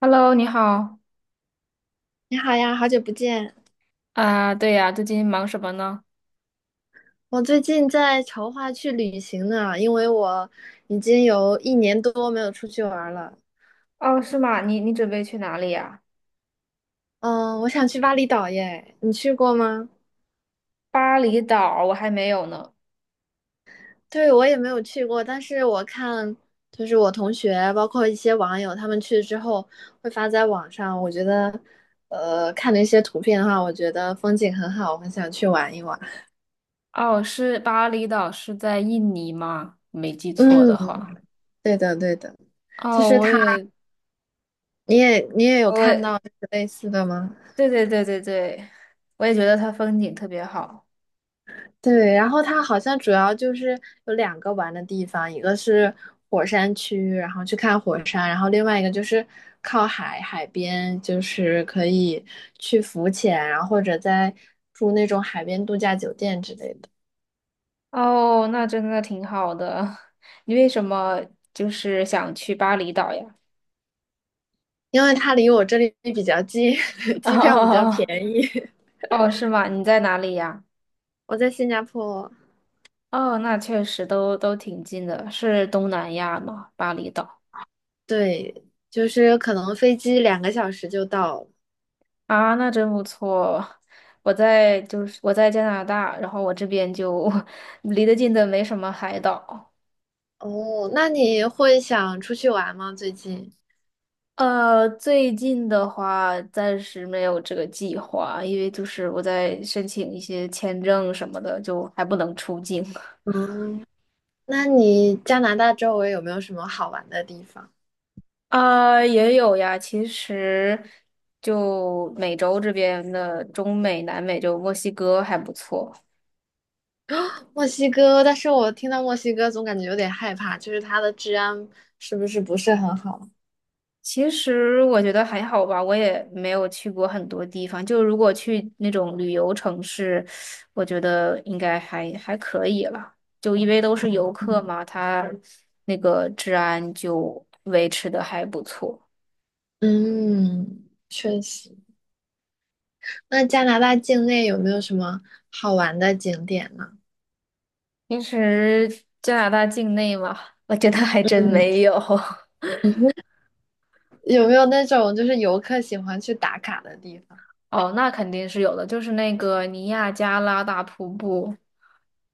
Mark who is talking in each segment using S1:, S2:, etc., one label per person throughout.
S1: Hello，你好。
S2: 你好呀，好久不见。
S1: 啊，对呀，最近忙什么呢？
S2: 我最近在筹划去旅行呢，因为我已经有1年多没有出去玩儿了。
S1: 哦，是吗？你准备去哪里呀？
S2: 嗯，我想去巴厘岛耶，你去过吗？
S1: 巴厘岛我还没有呢。
S2: 对，我也没有去过，但是我看我同学，包括一些网友，他们去之后会发在网上。我觉得，看了一些图片的话，我觉得风景很好，我很想去玩一玩。
S1: 哦，是巴厘岛，是在印尼吗？没记错
S2: 嗯，
S1: 的话。
S2: 对的，对的，就
S1: 哦，
S2: 是
S1: 我
S2: 他，
S1: 也，
S2: 你也有
S1: 我
S2: 看
S1: 也，
S2: 到类似的吗？
S1: 对对对对对，我也觉得它风景特别好。
S2: 对，然后它好像主要就是有2个玩的地方，一个是火山区，然后去看火山，然后另外一个就是靠海海边，就是可以去浮潜，然后或者在住那种海边度假酒店之类的。
S1: 哦，那真的挺好的。你为什么就是想去巴厘岛呀？
S2: 因为它离我这里比较近，
S1: 哦
S2: 机票比较便
S1: 哦
S2: 宜。
S1: 哦，是吗？你在哪里呀？
S2: 我在新加坡，
S1: 哦，那确实都挺近的，是东南亚吗？巴厘岛
S2: 对，就是可能飞机2个小时就到了。
S1: 啊，那真不错。我在就是我在加拿大，然后我这边就 离得近的没什么海岛。
S2: 哦，那你会想出去玩吗？最近？
S1: 最近的话暂时没有这个计划，因为就是我在申请一些签证什么的，就还不能出境。
S2: 嗯，那你加拿大周围有没有什么好玩的地方？
S1: 啊，也有呀。其实，就美洲这边的中美、南美，就墨西哥还不错。
S2: 墨西哥，但是我听到墨西哥总感觉有点害怕，就是它的治安是不是很好？
S1: 其实我觉得还好吧，我也没有去过很多地方。就如果去那种旅游城市，我觉得应该还可以了。就因为都是游客嘛，他那个治安就维持的还不错。
S2: 嗯，确实。那加拿大境内有没有什么好玩的景点呢？
S1: 平时加拿大境内嘛，我觉得还真
S2: 嗯，
S1: 没有。
S2: 有没有那种就是游客喜欢去打卡的地方？
S1: 哦，那肯定是有的，就是那个尼亚加拉大瀑布，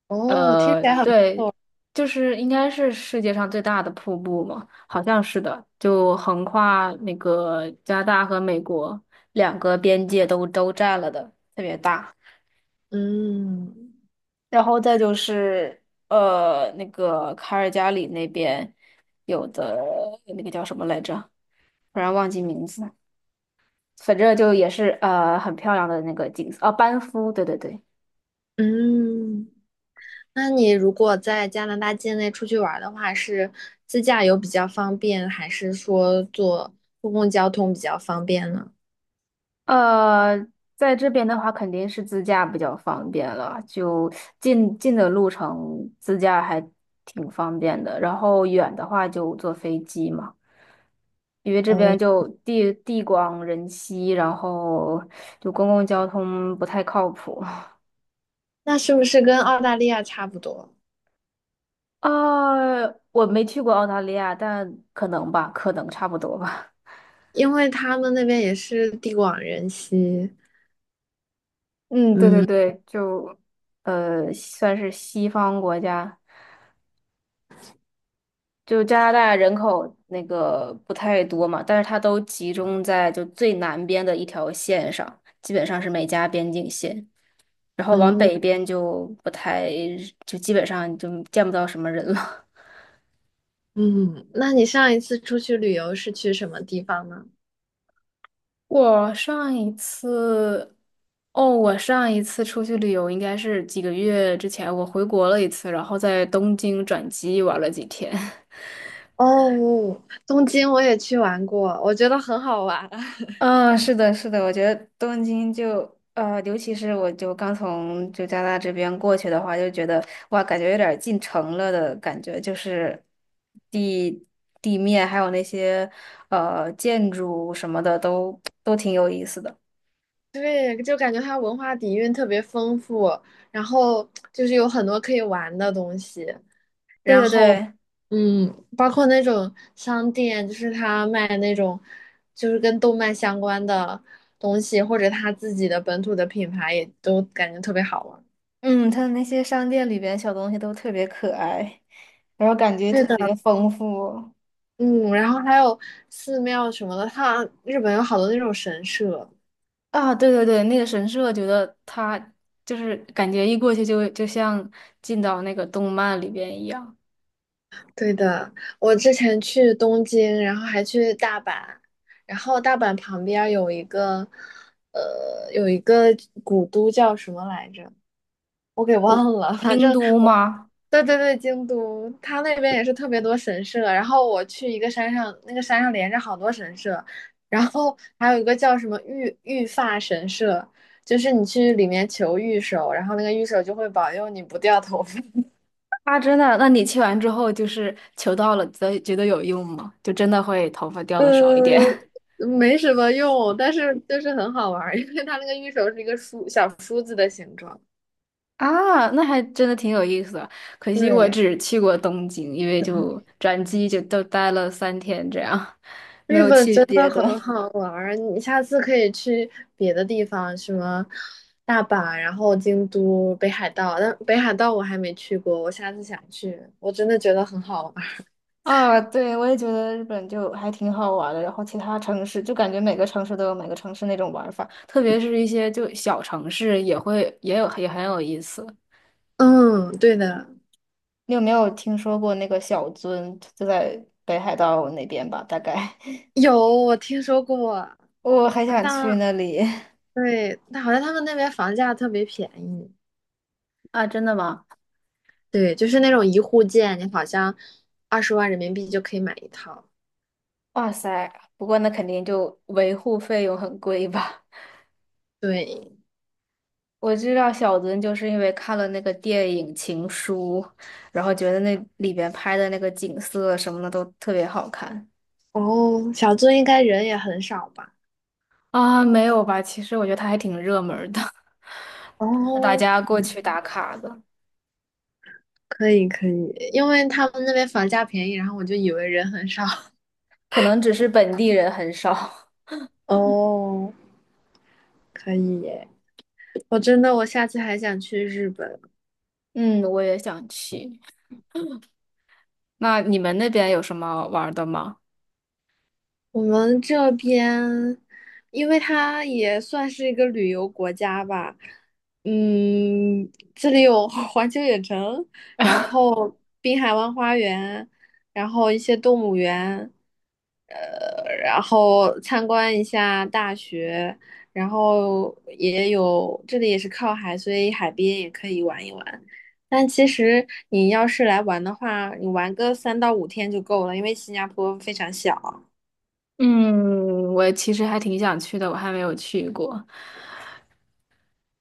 S2: 哦，听起
S1: 呃，
S2: 来很，
S1: 对，就是应该是世界上最大的瀑布嘛，好像是的，就横跨那个加拿大和美国两个边界都占了的，特别大。
S2: 嗯
S1: 然后再就是那个卡尔加里那边有的那个叫什么来着，突然忘记名字，反正就也是很漂亮的那个景色，啊，班夫，对对对。
S2: 嗯，那你如果在加拿大境内出去玩儿的话，是自驾游比较方便，还是说坐公共交通比较方便呢？
S1: 呃，在这边的话，肯定是自驾比较方便了，就近的路程自驾还挺方便的，然后远的话就坐飞机嘛，因为这
S2: 哦，
S1: 边就地广人稀，然后就公共交通不太靠谱。
S2: 那是不是跟澳大利亚差不多？
S1: 啊，我没去过澳大利亚，但可能吧，可能差不多吧。
S2: 因为他们那边也是地广人稀。
S1: 嗯，对对
S2: 嗯
S1: 对，就算是西方国家。就加拿大人口那个不太多嘛，但是它都集中在就最南边的一条线上，基本上是美加边境线，然后往
S2: 嗯
S1: 北边就不太，就基本上就见不到什么人了。
S2: 嗯，那你上一次出去旅游是去什么地方呢？
S1: 我上一次，哦，我上一次出去旅游应该是几个月之前，我回国了一次，然后在东京转机玩了几天。
S2: 哦，东京我也去玩过，我觉得很好玩。
S1: 嗯，是的，是的，我觉得东京就尤其是我就刚从就加拿大这边过去的话，就觉得哇，感觉有点儿进城了的感觉，就是地地面还有那些建筑什么的都挺有意思的。
S2: 对，就感觉它文化底蕴特别丰富，然后就是有很多可以玩的东西，
S1: 对对对，
S2: 嗯，包括那种商店，他卖那种就是跟动漫相关的东西，或者他自己的本土的品牌，也都感觉特别好玩。
S1: 嗯，它的那些商店里边小东西都特别可爱，然后感觉
S2: 是
S1: 特
S2: 的，
S1: 别丰富。
S2: 嗯，然后还有寺庙什么的，它日本有好多那种神社。
S1: 啊，对对对，那个神社，觉得它就是感觉一过去就像进到那个动漫里边一样。
S2: 对的，我之前去东京，然后还去大阪，然后大阪旁边儿有一个，呃，有一个古都叫什么来着？我给忘了，反
S1: 京
S2: 正
S1: 都
S2: 我，
S1: 吗？
S2: 对对对，京都，它那边也是特别多神社。然后我去一个山上，那个山上连着好多神社，然后还有一个叫什么御发神社，就是你去里面求御守，然后那个御守就会保佑你不掉头发。
S1: 啊，真的？那你去完之后，就是求到了，觉得有用吗？就真的会头发掉的少一点
S2: 呃，没什么用，但是就是很好玩儿，因为它那个玉手是一个梳小梳子的形状。
S1: 啊？那还真的挺有意思的。可惜我
S2: 对，
S1: 只去过东京，因为就转机就都待了三天这样，没
S2: 日
S1: 有
S2: 本
S1: 去
S2: 真
S1: 别
S2: 的
S1: 的。
S2: 很好玩儿，你下次可以去别的地方，什么大阪，然后京都、北海道。但北海道我还没去过，我下次想去，我真的觉得很好玩儿。
S1: 啊，对，我也觉得日本就还挺好玩的，然后其他城市就感觉每个城市都有每个城市那种玩法，特别是一些就小城市也会也有也很有意思。
S2: 嗯，对的，
S1: 你有没有听说过那个小樽，就在北海道那边吧？大概
S2: 有，我听说过，
S1: 我很
S2: 好
S1: 想去
S2: 像
S1: 那里。
S2: 对，但好像他们那边房价特别便宜。
S1: 啊，真的吗？
S2: 对，就是那种一户建，你好像20万人民币就可以买一套。
S1: 哇塞，不过那肯定就维护费用很贵吧？
S2: 对，
S1: 我知道小樽就是因为看了那个电影《情书》，然后觉得那里边拍的那个景色什么的都特别好看
S2: 哦，小樽应该人也很少吧？
S1: 啊。没有吧？其实我觉得它还挺热门儿的，大
S2: 哦，
S1: 家过去打卡的，
S2: 可以可以，因为他们那边房价便宜，然后我就以为人很少。
S1: 可能只是本地人很少。
S2: 哦，可以耶！我真的，我下次还想去日本。
S1: 嗯，我也想去。那你们那边有什么玩儿的吗？
S2: 我们这边，因为它也算是一个旅游国家吧，嗯，这里有 环球影城，然 后滨海湾花园，然后一些动物园，然后参观一下大学，然后也有，这里也是靠海，所以海边也可以玩一玩。但其实你要是来玩的话，你玩个3到5天就够了，因为新加坡非常小。
S1: 嗯，我其实还挺想去的，我还没有去过。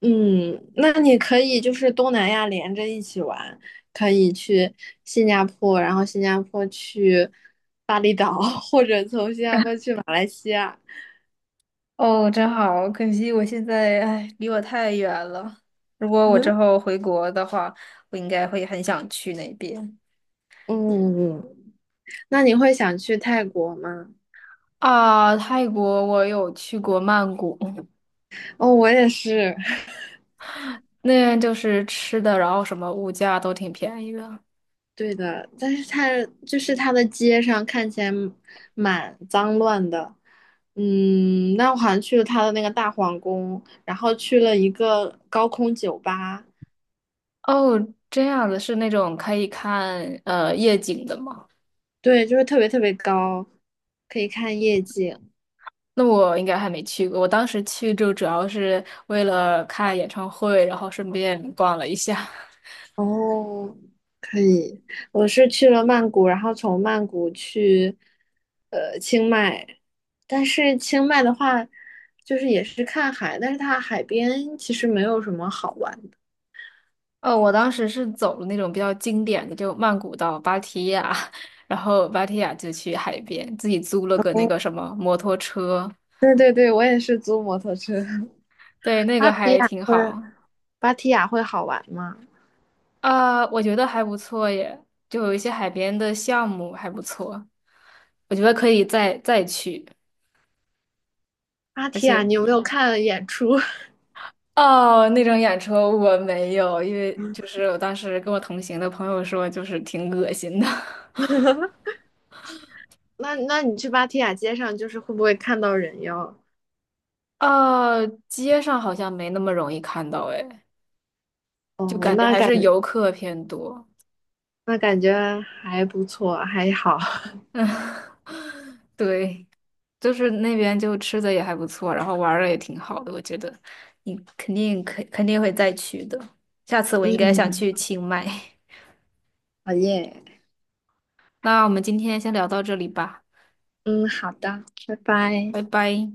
S2: 嗯，那你可以就是东南亚连着一起玩，可以去新加坡，然后新加坡去巴厘岛，或者从新加坡去马来西亚。
S1: 哦，真好，可惜我现在，哎，离我太远了。如果我之后 回国的话，我应该会很想去那边。
S2: 嗯，那你会想去泰国吗？
S1: 啊，泰国我有去过曼谷，
S2: 哦，我也是。
S1: 那边就是吃的，然后什么物价都挺便宜的。
S2: 对的，但是它它的街上看起来蛮脏乱的。嗯，那我好像去了它的那个大皇宫，然后去了一个高空酒吧，
S1: 哦，这样子是那种可以看夜景的吗？
S2: 对，就是特别特别高，可以看夜景。
S1: 那我应该还没去过，我当时去就主要是为了看演唱会，然后顺便逛了一下。
S2: 哦，可以。我是去了曼谷，然后从曼谷去清迈，但是清迈的话，就是也是看海，但是它海边其实没有什么好玩的。
S1: 哦，我当时是走了那种比较经典的，就曼谷到芭提雅，然后芭提雅就去海边，自己租了个那个什么摩托车，
S2: 对对对，我也是租摩托车。
S1: 对，那
S2: 芭
S1: 个
S2: 提
S1: 还
S2: 雅
S1: 挺
S2: 会，
S1: 好
S2: 芭提雅会好玩吗？
S1: 啊，我觉得还不错耶，就有一些海边的项目还不错，我觉得可以再去，
S2: 芭
S1: 而
S2: 提雅，
S1: 且
S2: 你有没有看演出？
S1: 哦，那种演出我没有，因为就是我当时跟我同行的朋友说，就是挺恶心的，
S2: 那那你去芭提雅街上，就是会不会看到人妖？
S1: 街上好像没那么容易看到诶。就
S2: 哦，
S1: 感觉
S2: 那
S1: 还
S2: 感。
S1: 是游客偏多。
S2: 那感觉还不错，还好。
S1: 嗯，对，就是那边就吃的也还不错，然后玩儿的也挺好的，我觉得你肯定会再去的。下次我应该想
S2: 嗯，
S1: 去清迈。
S2: 好耶。
S1: 那我们今天先聊到这里吧，
S2: 嗯，好的，拜拜。
S1: 拜拜。